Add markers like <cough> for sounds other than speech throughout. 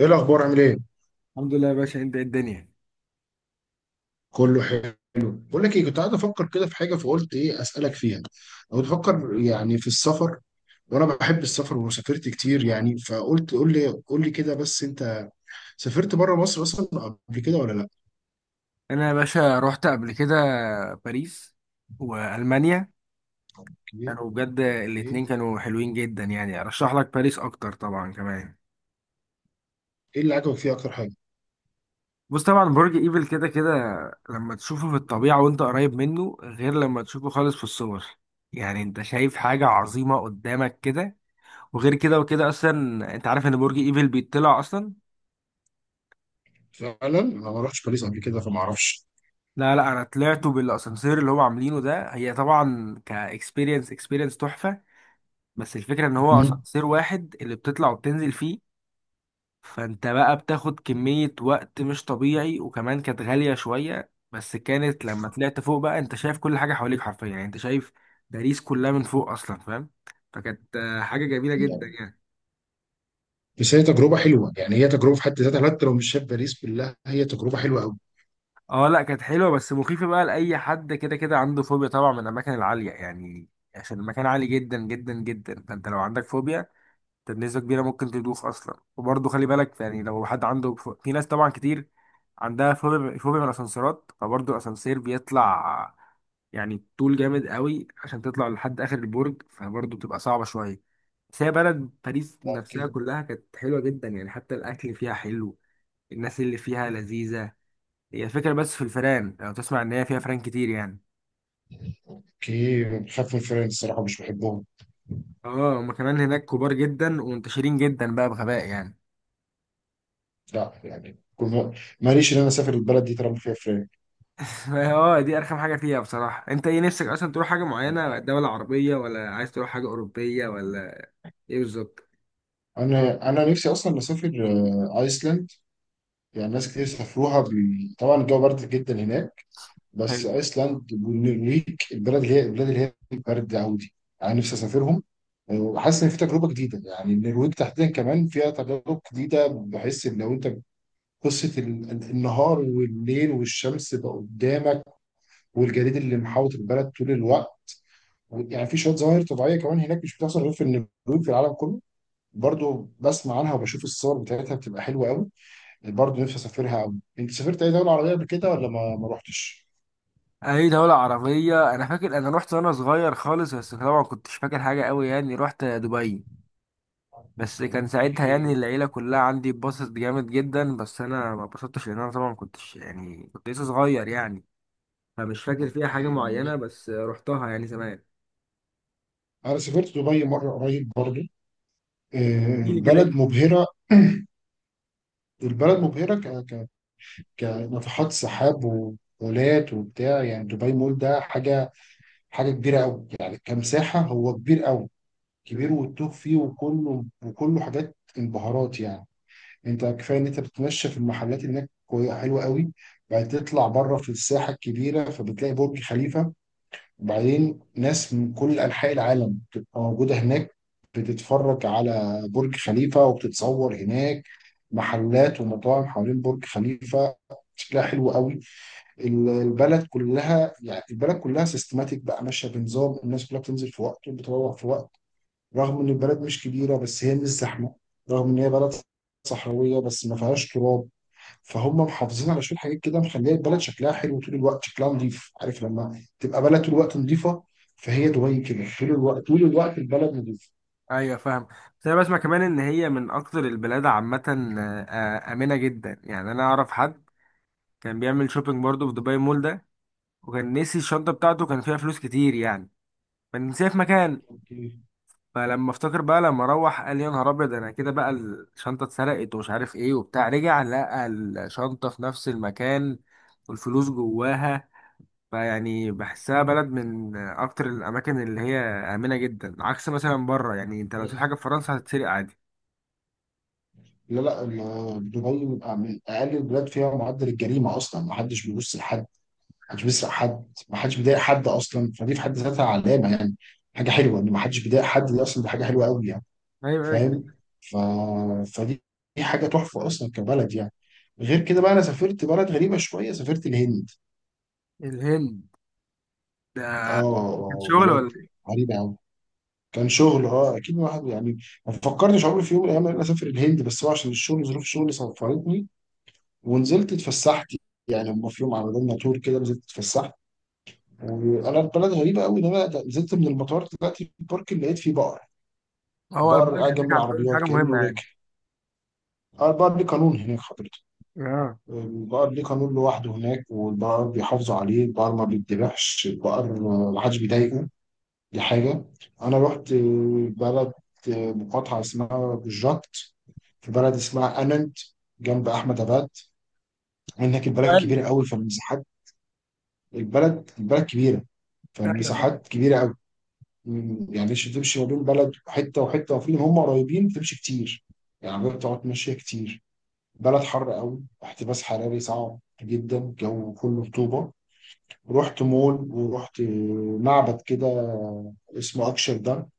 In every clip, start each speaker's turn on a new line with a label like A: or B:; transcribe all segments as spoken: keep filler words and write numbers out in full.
A: ايه الاخبار؟ عامل ايه؟
B: الحمد لله يا باشا، انت ايه الدنيا؟
A: كله حلو. بقول لك ايه، كنت قاعد افكر كده في حاجه، فقلت ايه اسالك فيها. او بفكر يعني في السفر، وانا بحب السفر وسافرت كتير يعني. فقلت قول لي قول لي كده. بس انت سافرت بره مصر اصلا قبل كده ولا لا؟
B: انا يا باشا رحت قبل كده باريس والمانيا.
A: اوكي.
B: كانوا بجد
A: اوكي.
B: الاتنين كانوا حلوين جدا، يعني ارشح لك باريس اكتر طبعا كمان.
A: ايه اللي عجبك فيها اكتر حاجه؟
B: بص، طبعا برج ايفل كده كده، لما تشوفه في الطبيعة وانت قريب منه غير لما تشوفه خالص في الصور. يعني انت شايف حاجة عظيمة قدامك كده. وغير كده وكده اصلا انت عارف ان برج ايفل بيطلع اصلا.
A: فعلا انا ما رحتش باريس قبل كده فما اعرفش.
B: لا لا، انا طلعته بالاسانسير اللي هو عاملينه ده، هي طبعا كاكسبيرينس اكسبيرينس تحفة. بس الفكرة ان هو
A: مم.
B: اسانسير واحد اللي بتطلع وبتنزل فيه. فانت بقى بتاخد كمية وقت مش طبيعي، وكمان كانت غالية شوية، بس كانت لما طلعت فوق بقى انت شايف كل حاجة حواليك حرفيا، يعني انت شايف باريس كلها من فوق اصلا، فاهم؟ فكانت آه، حاجة جميلة جدا يعني.
A: بس هي تجربه حلوه يعني، هي تجربه في حد ذاتها حتى لو مش شايف باريس بالله، هي تجربه حلوه قوي.
B: اه لا، كانت حلوة بس مخيفة بقى، لأي حد كده كده عنده فوبيا طبعا من الأماكن العالية يعني. عشان المكان عالي جدا جدا جدا، فانت لو عندك فوبيا انت بنسبة كبيرة ممكن تدوخ أصلا. وبرضه خلي بالك يعني، لو حد عنده ف- في ناس طبعا كتير عندها فوبيا فوبيا من الأسانسيرات. فبرضه الأسانسير بيطلع يعني طول جامد قوي عشان تطلع لحد آخر البرج، فبرضه بتبقى صعبة شوية. بس هي بلد باريس
A: اوكي.
B: نفسها كلها كانت حلوة جدا يعني، حتى الأكل فيها حلو. الناس اللي فيها لذيذة. هي الفكرة بس في الفئران، لو تسمع إن هي فيها فئران كتير يعني.
A: اوكي، بخاف من فرنسا الصراحه، مش بحبهم.
B: اه هما كمان هناك كبار جدا ومنتشرين جدا بقى بغباء يعني.
A: لا يعني كل- ماليش ان انا اسافر البلد دي طالما فيها فراخ.
B: اه دي ارخم حاجه فيها بصراحه. انت ايه نفسك اصلا تروح، حاجه معينه، دوله عربيه ولا عايز تروح حاجه اوروبيه ولا ايه بالظبط؟
A: انا انا نفسي اصلا اسافر آه، ايسلاند. يعني ناس كتير سافروها بي... طبعا الجو برد جدا هناك. بس
B: حلو.
A: ايسلاند والنرويج، البلد اللي هي البلاد اللي هي برد عودي، انا نفسي اسافرهم. آه، وحاسس ان في تجربه جديده. يعني النرويج تحديدا كمان فيها تجارب جديده. بحس ان لو انت قصه ال- ال- النهار والليل والشمس بقى قدامك، والجليد اللي محاوط البلد طول الوقت. يعني في شويه ظواهر طبيعيه كمان هناك مش بتحصل غير في النرويج في العالم كله. برضو بسمع عنها وبشوف الصور بتاعتها بتبقى حلوه قوي. برضو نفسي اسافرها قوي. انت سافرت اي دوله عربيه قبل كده ولا ما ما رحتش؟
B: اي دولة عربية؟ انا فاكر انا رحت وانا صغير خالص، بس طبعا كنتش فاكر حاجة قوي يعني، رحت دبي. بس كان ساعتها يعني
A: اوكي.
B: العيلة كلها عندي اتبسطت جامد جدا، بس انا ما اتبسطتش لان انا طبعا كنتش يعني كنت لسه صغير يعني. فمش فاكر فيها حاجة
A: اوكي.
B: معينة بس رحتها يعني زمان.
A: انا سافرت دبي مره قريب برضو. آه،
B: احكيلي كده ايه
A: البلد
B: الدنيا.
A: مبهره. البلد مبهره ك ك كناطحات سحاب ومولات وبتاع. يعني دبي مول ده حاجه حاجه كبيره قوي يعني. كمساحه هو كبير قوي، كبير والتوه فيه. وكله وكله حاجات انبهارات يعني. انت كفايه ان انت بتتمشى في المحلات هناك كوي- حلوه قوي. بعد تطلع بره في الساحه الكبيره فبتلاقي برج خليفه، وبعدين ناس من كل انحاء العالم بتبقى موجوده هناك، بتتفرج على برج خليفه وبتتصور هناك. محلات ومطاعم حوالين برج خليفه، شكلها حلو قوي. ال- البلد كلها يعني البلد كلها سيستماتيك بقى، ماشيه بنظام. الناس كلها بتنزل في وقت وبتروح في وقت. رغم ان البلد مش كبيره بس هي مش زحمه. رغم ان هي بلد صحراويه بس ما فيهاش تراب، فهم محافظين على شويه حاجات كده مخليه البلد شكلها حلو طول الوقت، شكلها نظيف. عارف لما تبقى بلد طول الوقت نظيفه، فهي دبي كده طول الوقت. طول الوقت البلد نظيفه.
B: ايوه فاهم. بس انا بسمع كمان ان هي من اكتر البلاد عامه آه، آه، امنه جدا يعني. انا اعرف حد كان بيعمل شوبينج برضه في دبي مول ده، وكان نسي الشنطه بتاعته كان فيها فلوس كتير يعني، فنسيها في مكان.
A: اوكي.
B: فلما افتكر بقى لما روح قال يا نهار ابيض انا كده بقى الشنطه اتسرقت ومش عارف ايه وبتاع، رجع لقى الشنطه في نفس المكان والفلوس جواها. فيعني بحسها بلد من اكتر الاماكن اللي هي امنه جدا، عكس مثلا بره، يعني انت لو تشوف حاجه في فرنسا هتتسرق عادي.
A: لا لا، ال- دبي بيبقى من اقل البلاد فيها معدل الجريمه اصلا. ما حدش بيبص لحد، ما حدش بيسرق حد، ما حدش بيضايق حد اصلا، فدي في حد ذاتها علامه يعني. حاجه حلوه ان ما حدش بيضايق حد، دي اصلا دي حاجه حلوه قوي يعني.
B: ايوه أيوة.
A: فاهم. ف... فدي دي حاجه تحفه اصلا كبلد يعني. غير كده بقى انا سافرت بلد غريبه شويه، سافرت الهند.
B: الهند؟ ده
A: اه.
B: كان
A: آه،
B: شغل
A: بلد
B: ولا
A: غريبه قوي. كان شغل، اه اكيد الواحد يعني ما فكرتش عمري في يوم من الايام ان انا اسافر الهند، بس هو عشان الشغل ظروف شغلي سفرتني. ونزلت اتفسحت، يعني هم في يوم عملوا لنا تور كده. نزلت اتفسحت، وانا البلد غريبه قوي ان انا نزلت من المطار طلعت في البارك لقيت فيه بقر.
B: إيه؟ هو
A: بقر
B: البحر
A: قاعد جنب
B: هناك عندهم
A: العربيات
B: حاجة مهمة
A: كانه
B: يعني؟
A: راكب. اه، البقر ليه قانون هناك.
B: اه.
A: البقر ليه قانون لوحده هناك، والبقر بيحافظوا عليه. البقر ما بيتذبحش، البقر ما حدش بيضايقه. دي حاجة. أنا رحت آه، بلد، آه، مقاطعة اسمها بوجات، في بلد اسمها أننت جنب أحمد أباد. هناك البلد
B: سؤال.
A: كبيرة قوي فالمساحات. البلد البلد كبيرة،
B: ايوه فاهم.
A: فالمساحات كبيرة قوي. مم، يعني مش تمشي ما بين بلد حتة وحتة، وفي هم قريبين تمشي كتير. يعني بتقعد ماشية كتير. بلد حر قوي، احتباس حراري صعب جدا، جو كله رطوبة. رحت مول ورحت معبد كده، اسمه اكشر دام.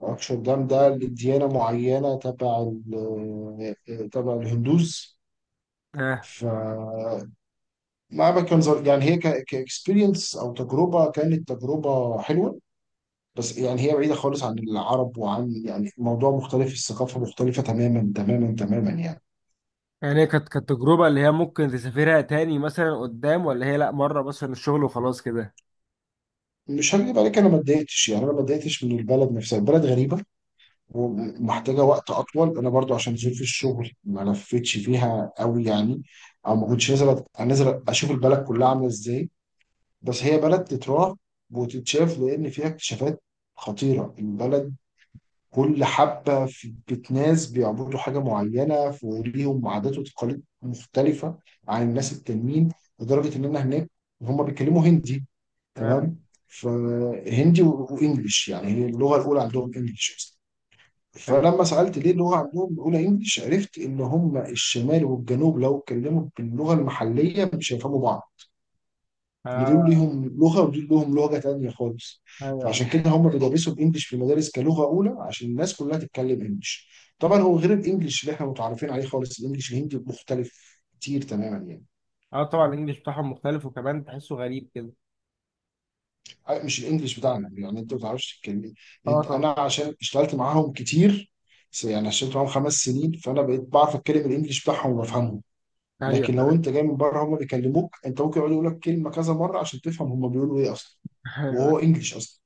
A: اكشر دام ده لديانة معينة تبع ال- آه، تبع الهندوز.
B: اه.
A: فمعبد، كان زر... يعني هي كاكسبيرينس او تجربة، كانت تجربة حلوة. بس يعني هي بعيدة خالص عن العرب وعن يعني موضوع مختلف، الثقافة مختلفة تماما تماما تماما يعني.
B: يعني هي كانت كانت تجربة اللي هي ممكن تسافرها تاني مثلا قدام، ولا هي لا مرة مثلا الشغل وخلاص كده؟
A: مش هكذب عليك، انا ما اتضايقتش يعني انا ما اتضايقتش من البلد نفسها. البلد غريبة، ومحتاجه وقت اطول. انا برضو عشان ظروف الشغل ما لفتش فيها قوي يعني، او ما كنتش نازل أت- انزل اشوف البلد كلها عامله ازاي. بس هي بلد تتراح وتتشاف، لان فيها اكتشافات خطيره البلد. كل حبه في بيت ناس بيعبدوا حاجه معينه، في وليهم عادات وتقاليد مختلفه عن الناس التانيين. لدرجه ان انا هناك، هم بيتكلموا هندي.
B: اه.
A: تمام. فهندي وانجلش، يعني هي اللغه الاولى عندهم انجلش.
B: ايوه.
A: فلما سألت ليه اللغة عندهم الأولى إنجلش، عرفت إن هم الشمال والجنوب لو اتكلموا باللغة المحلية مش هيفهموا بعض. إن دول
B: اه
A: ليهم لغة ودول لهم لغة تانية خالص.
B: ايوه فاهم.
A: فعشان كده هم بيدرسوا الإنجليش في المدارس كلغة أولى عشان الناس كلها تتكلم إنجليش. طبعا هو غير الإنجليش اللي إحنا متعرفين عليه خالص، الإنجليش الهندي مختلف كتير تماما يعني.
B: اه طبعا الانجليش بتاعهم مختلف وكمان تحسه غريب كده.
A: مش الإنجليش بتاعنا. يعني أنت ما بتعرفش تتكلم.
B: اه
A: أنت،
B: طبعا.
A: أنا عشان اشتغلت معاهم كتير يعني، اشتغلت معاهم خمس سنين فأنا بقيت بعرف أتكلم الإنجليش بتاعهم وبفهمه.
B: ايوه
A: لكن لو
B: فاهم.
A: انت جاي من بره هم بيكلموك انت ممكن يقعدوا يقول لك كلمه كذا مره عشان تفهم هم بيقولوا ايه اصلا.
B: <laughs> ايوه.
A: وهو انجلش اصلا.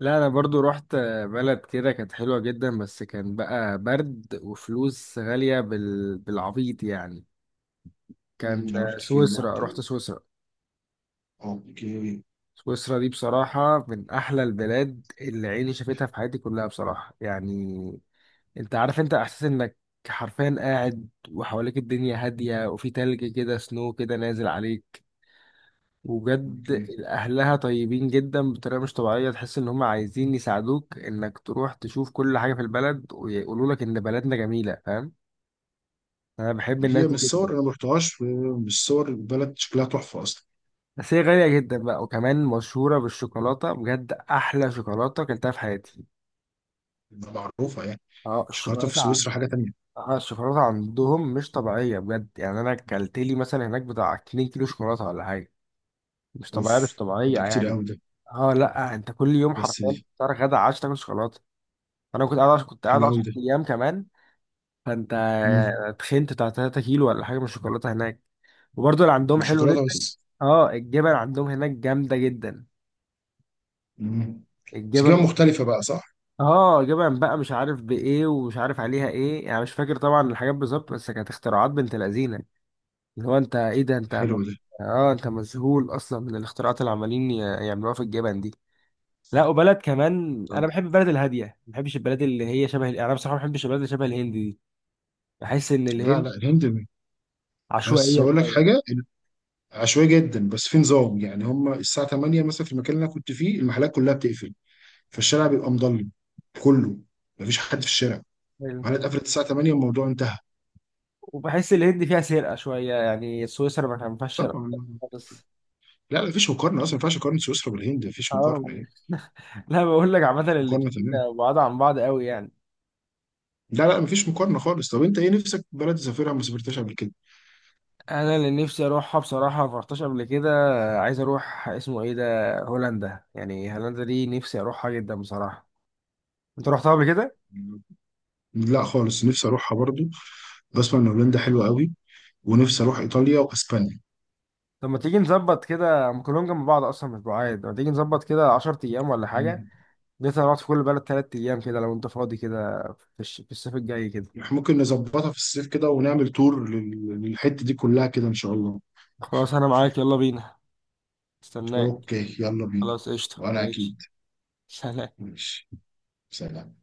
B: لا انا برضو رحت بلد كده كانت حلوة جدا، بس كان بقى برد وفلوس غالية بال... بالعبيط يعني.
A: مم.
B: كان.
A: انا امم رحت فين،
B: سويسرا،
A: رحت
B: رحت
A: ايه.
B: سويسرا.
A: اوكي.
B: سويسرا دي بصراحة من أحلى البلاد اللي عيني شافتها في حياتي كلها بصراحة يعني. أنت عارف، أنت إحساس إنك حرفيا قاعد وحواليك الدنيا هادية وفي تلج كده سنو كده نازل عليك. وبجد
A: اوكي.
B: أهلها طيبين جدا بطريقة مش طبيعية، تحس إن هم عايزين يساعدوك إنك تروح تشوف كل حاجة في البلد ويقولوا لك إن بلدنا جميلة، فاهم؟ أنا بحب الناس
A: هي
B: دي
A: من
B: جدا.
A: الصور، انا ما رحتهاش، من الصور البلد شكلها تحفه اصلا.
B: بس هي غالية جدا بقى، وكمان مشهورة بالشوكولاتة، بجد أحلى شوكولاتة أكلتها في حياتي.
A: معروفه يعني.
B: اه
A: شوكولاته في
B: الشوكولاتة.
A: سويسرا حاجه تانية.
B: آه، الشوكولاته عندهم مش طبيعيه بجد يعني، انا اكلت لي مثلا هناك بتاع 2 كيلو شوكولاته ولا حاجه. مش
A: اوف،
B: طبيعيه مش طبيعيه
A: ده كتير
B: يعني.
A: قوي ده.
B: اه لا انت كل يوم
A: بس
B: حرفيا فطار غدا عشاء تاكل شوكولاته. انا كنت قاعد عش... كنت قاعد
A: حلو قوي
B: 10
A: ده.
B: ايام كمان. فانت
A: امم
B: تخنت بتاع 3 كيلو ولا حاجه من الشوكولاته هناك، وبرده اللي عندهم حلو
A: الشوكولاته
B: جدا.
A: بس.
B: اه الجبن عندهم هناك جامده جدا.
A: امم بس جبن
B: الجبن.
A: مختلفه بقى، صح.
B: اه جبن بقى مش عارف بايه ومش عارف عليها ايه يعني، مش فاكر طبعا الحاجات بالظبط، بس كانت اختراعات بنت لذينه. اللي هو انت ايه ده انت م-
A: حلو ده.
B: اه انت مذهول اصلا من الاختراعات اللي عمالين ي- يعملوها في الجبن دي. لا، وبلد كمان،
A: طب،
B: انا بحب البلد الهاديه، ما بحبش البلد اللي هي شبه يعني، انا بصراحه ما بحبش البلد اللي شبه الهند دي. بحس ان
A: لا
B: الهند
A: لا الهند. بس
B: عشوائيه
A: اقول لك
B: شويه.
A: حاجه، عشوائي جدا بس في نظام يعني. هم الساعة تمانية مثلا في المكان اللي انا كنت فيه المحلات كلها بتقفل، فالشارع بيبقى مضلم كله. مفيش حد في الشارع.
B: أيوة.
A: المحلات قفلت الساعة تمانية، الموضوع انتهى.
B: وبحس الهند فيها سرقه شويه، يعني سويسرا ما كان ما فيهاش سرقه
A: طبعا.
B: خالص.
A: لا لا مفيش مقارنة اصلا، ما ينفعش اقارن سويسرا بالهند، مفيش
B: اه.
A: مقارنة يعني.
B: لا بقول لك عامه
A: مفيش مقارنة
B: الاتنين
A: تماما.
B: بعاد عن بعض قوي يعني.
A: لا لا مفيش مقارنة خالص. طب انت ايه نفسك بلد تسافرها ما سافرتهاش قبل كده؟
B: انا اللي نفسي اروحها بصراحه ما رحتش قبل كده. عايز اروح اسمه ايه ده هولندا، يعني هولندا دي نفسي اروحها جدا بصراحه. انت رحتها قبل كده؟
A: لا خالص، نفسي اروحها برضو. بسمع ان هولندا حلوة قوي، ونفسي اروح ايطاليا واسبانيا.
B: طب ما تيجي نظبط كده، هم كلهم جنب بعض اصلا مش بعاد، ما تيجي نظبط كده 10 ايام ولا حاجه؟
A: مم.
B: نقدر نقعد في كل بلد 3 ايام كده، لو انت فاضي كده في, الش... في الصيف الجاي كده.
A: احنا ممكن نظبطها في الصيف كده ونعمل تور لل- للحتة دي كلها كده ان شاء الله.
B: خلاص انا معاك، يلا بينا. استناك.
A: اوكي يلا بينا.
B: خلاص قشطه
A: وانا
B: ماشي.
A: اكيد.
B: سلام.
A: ماشي. سلام.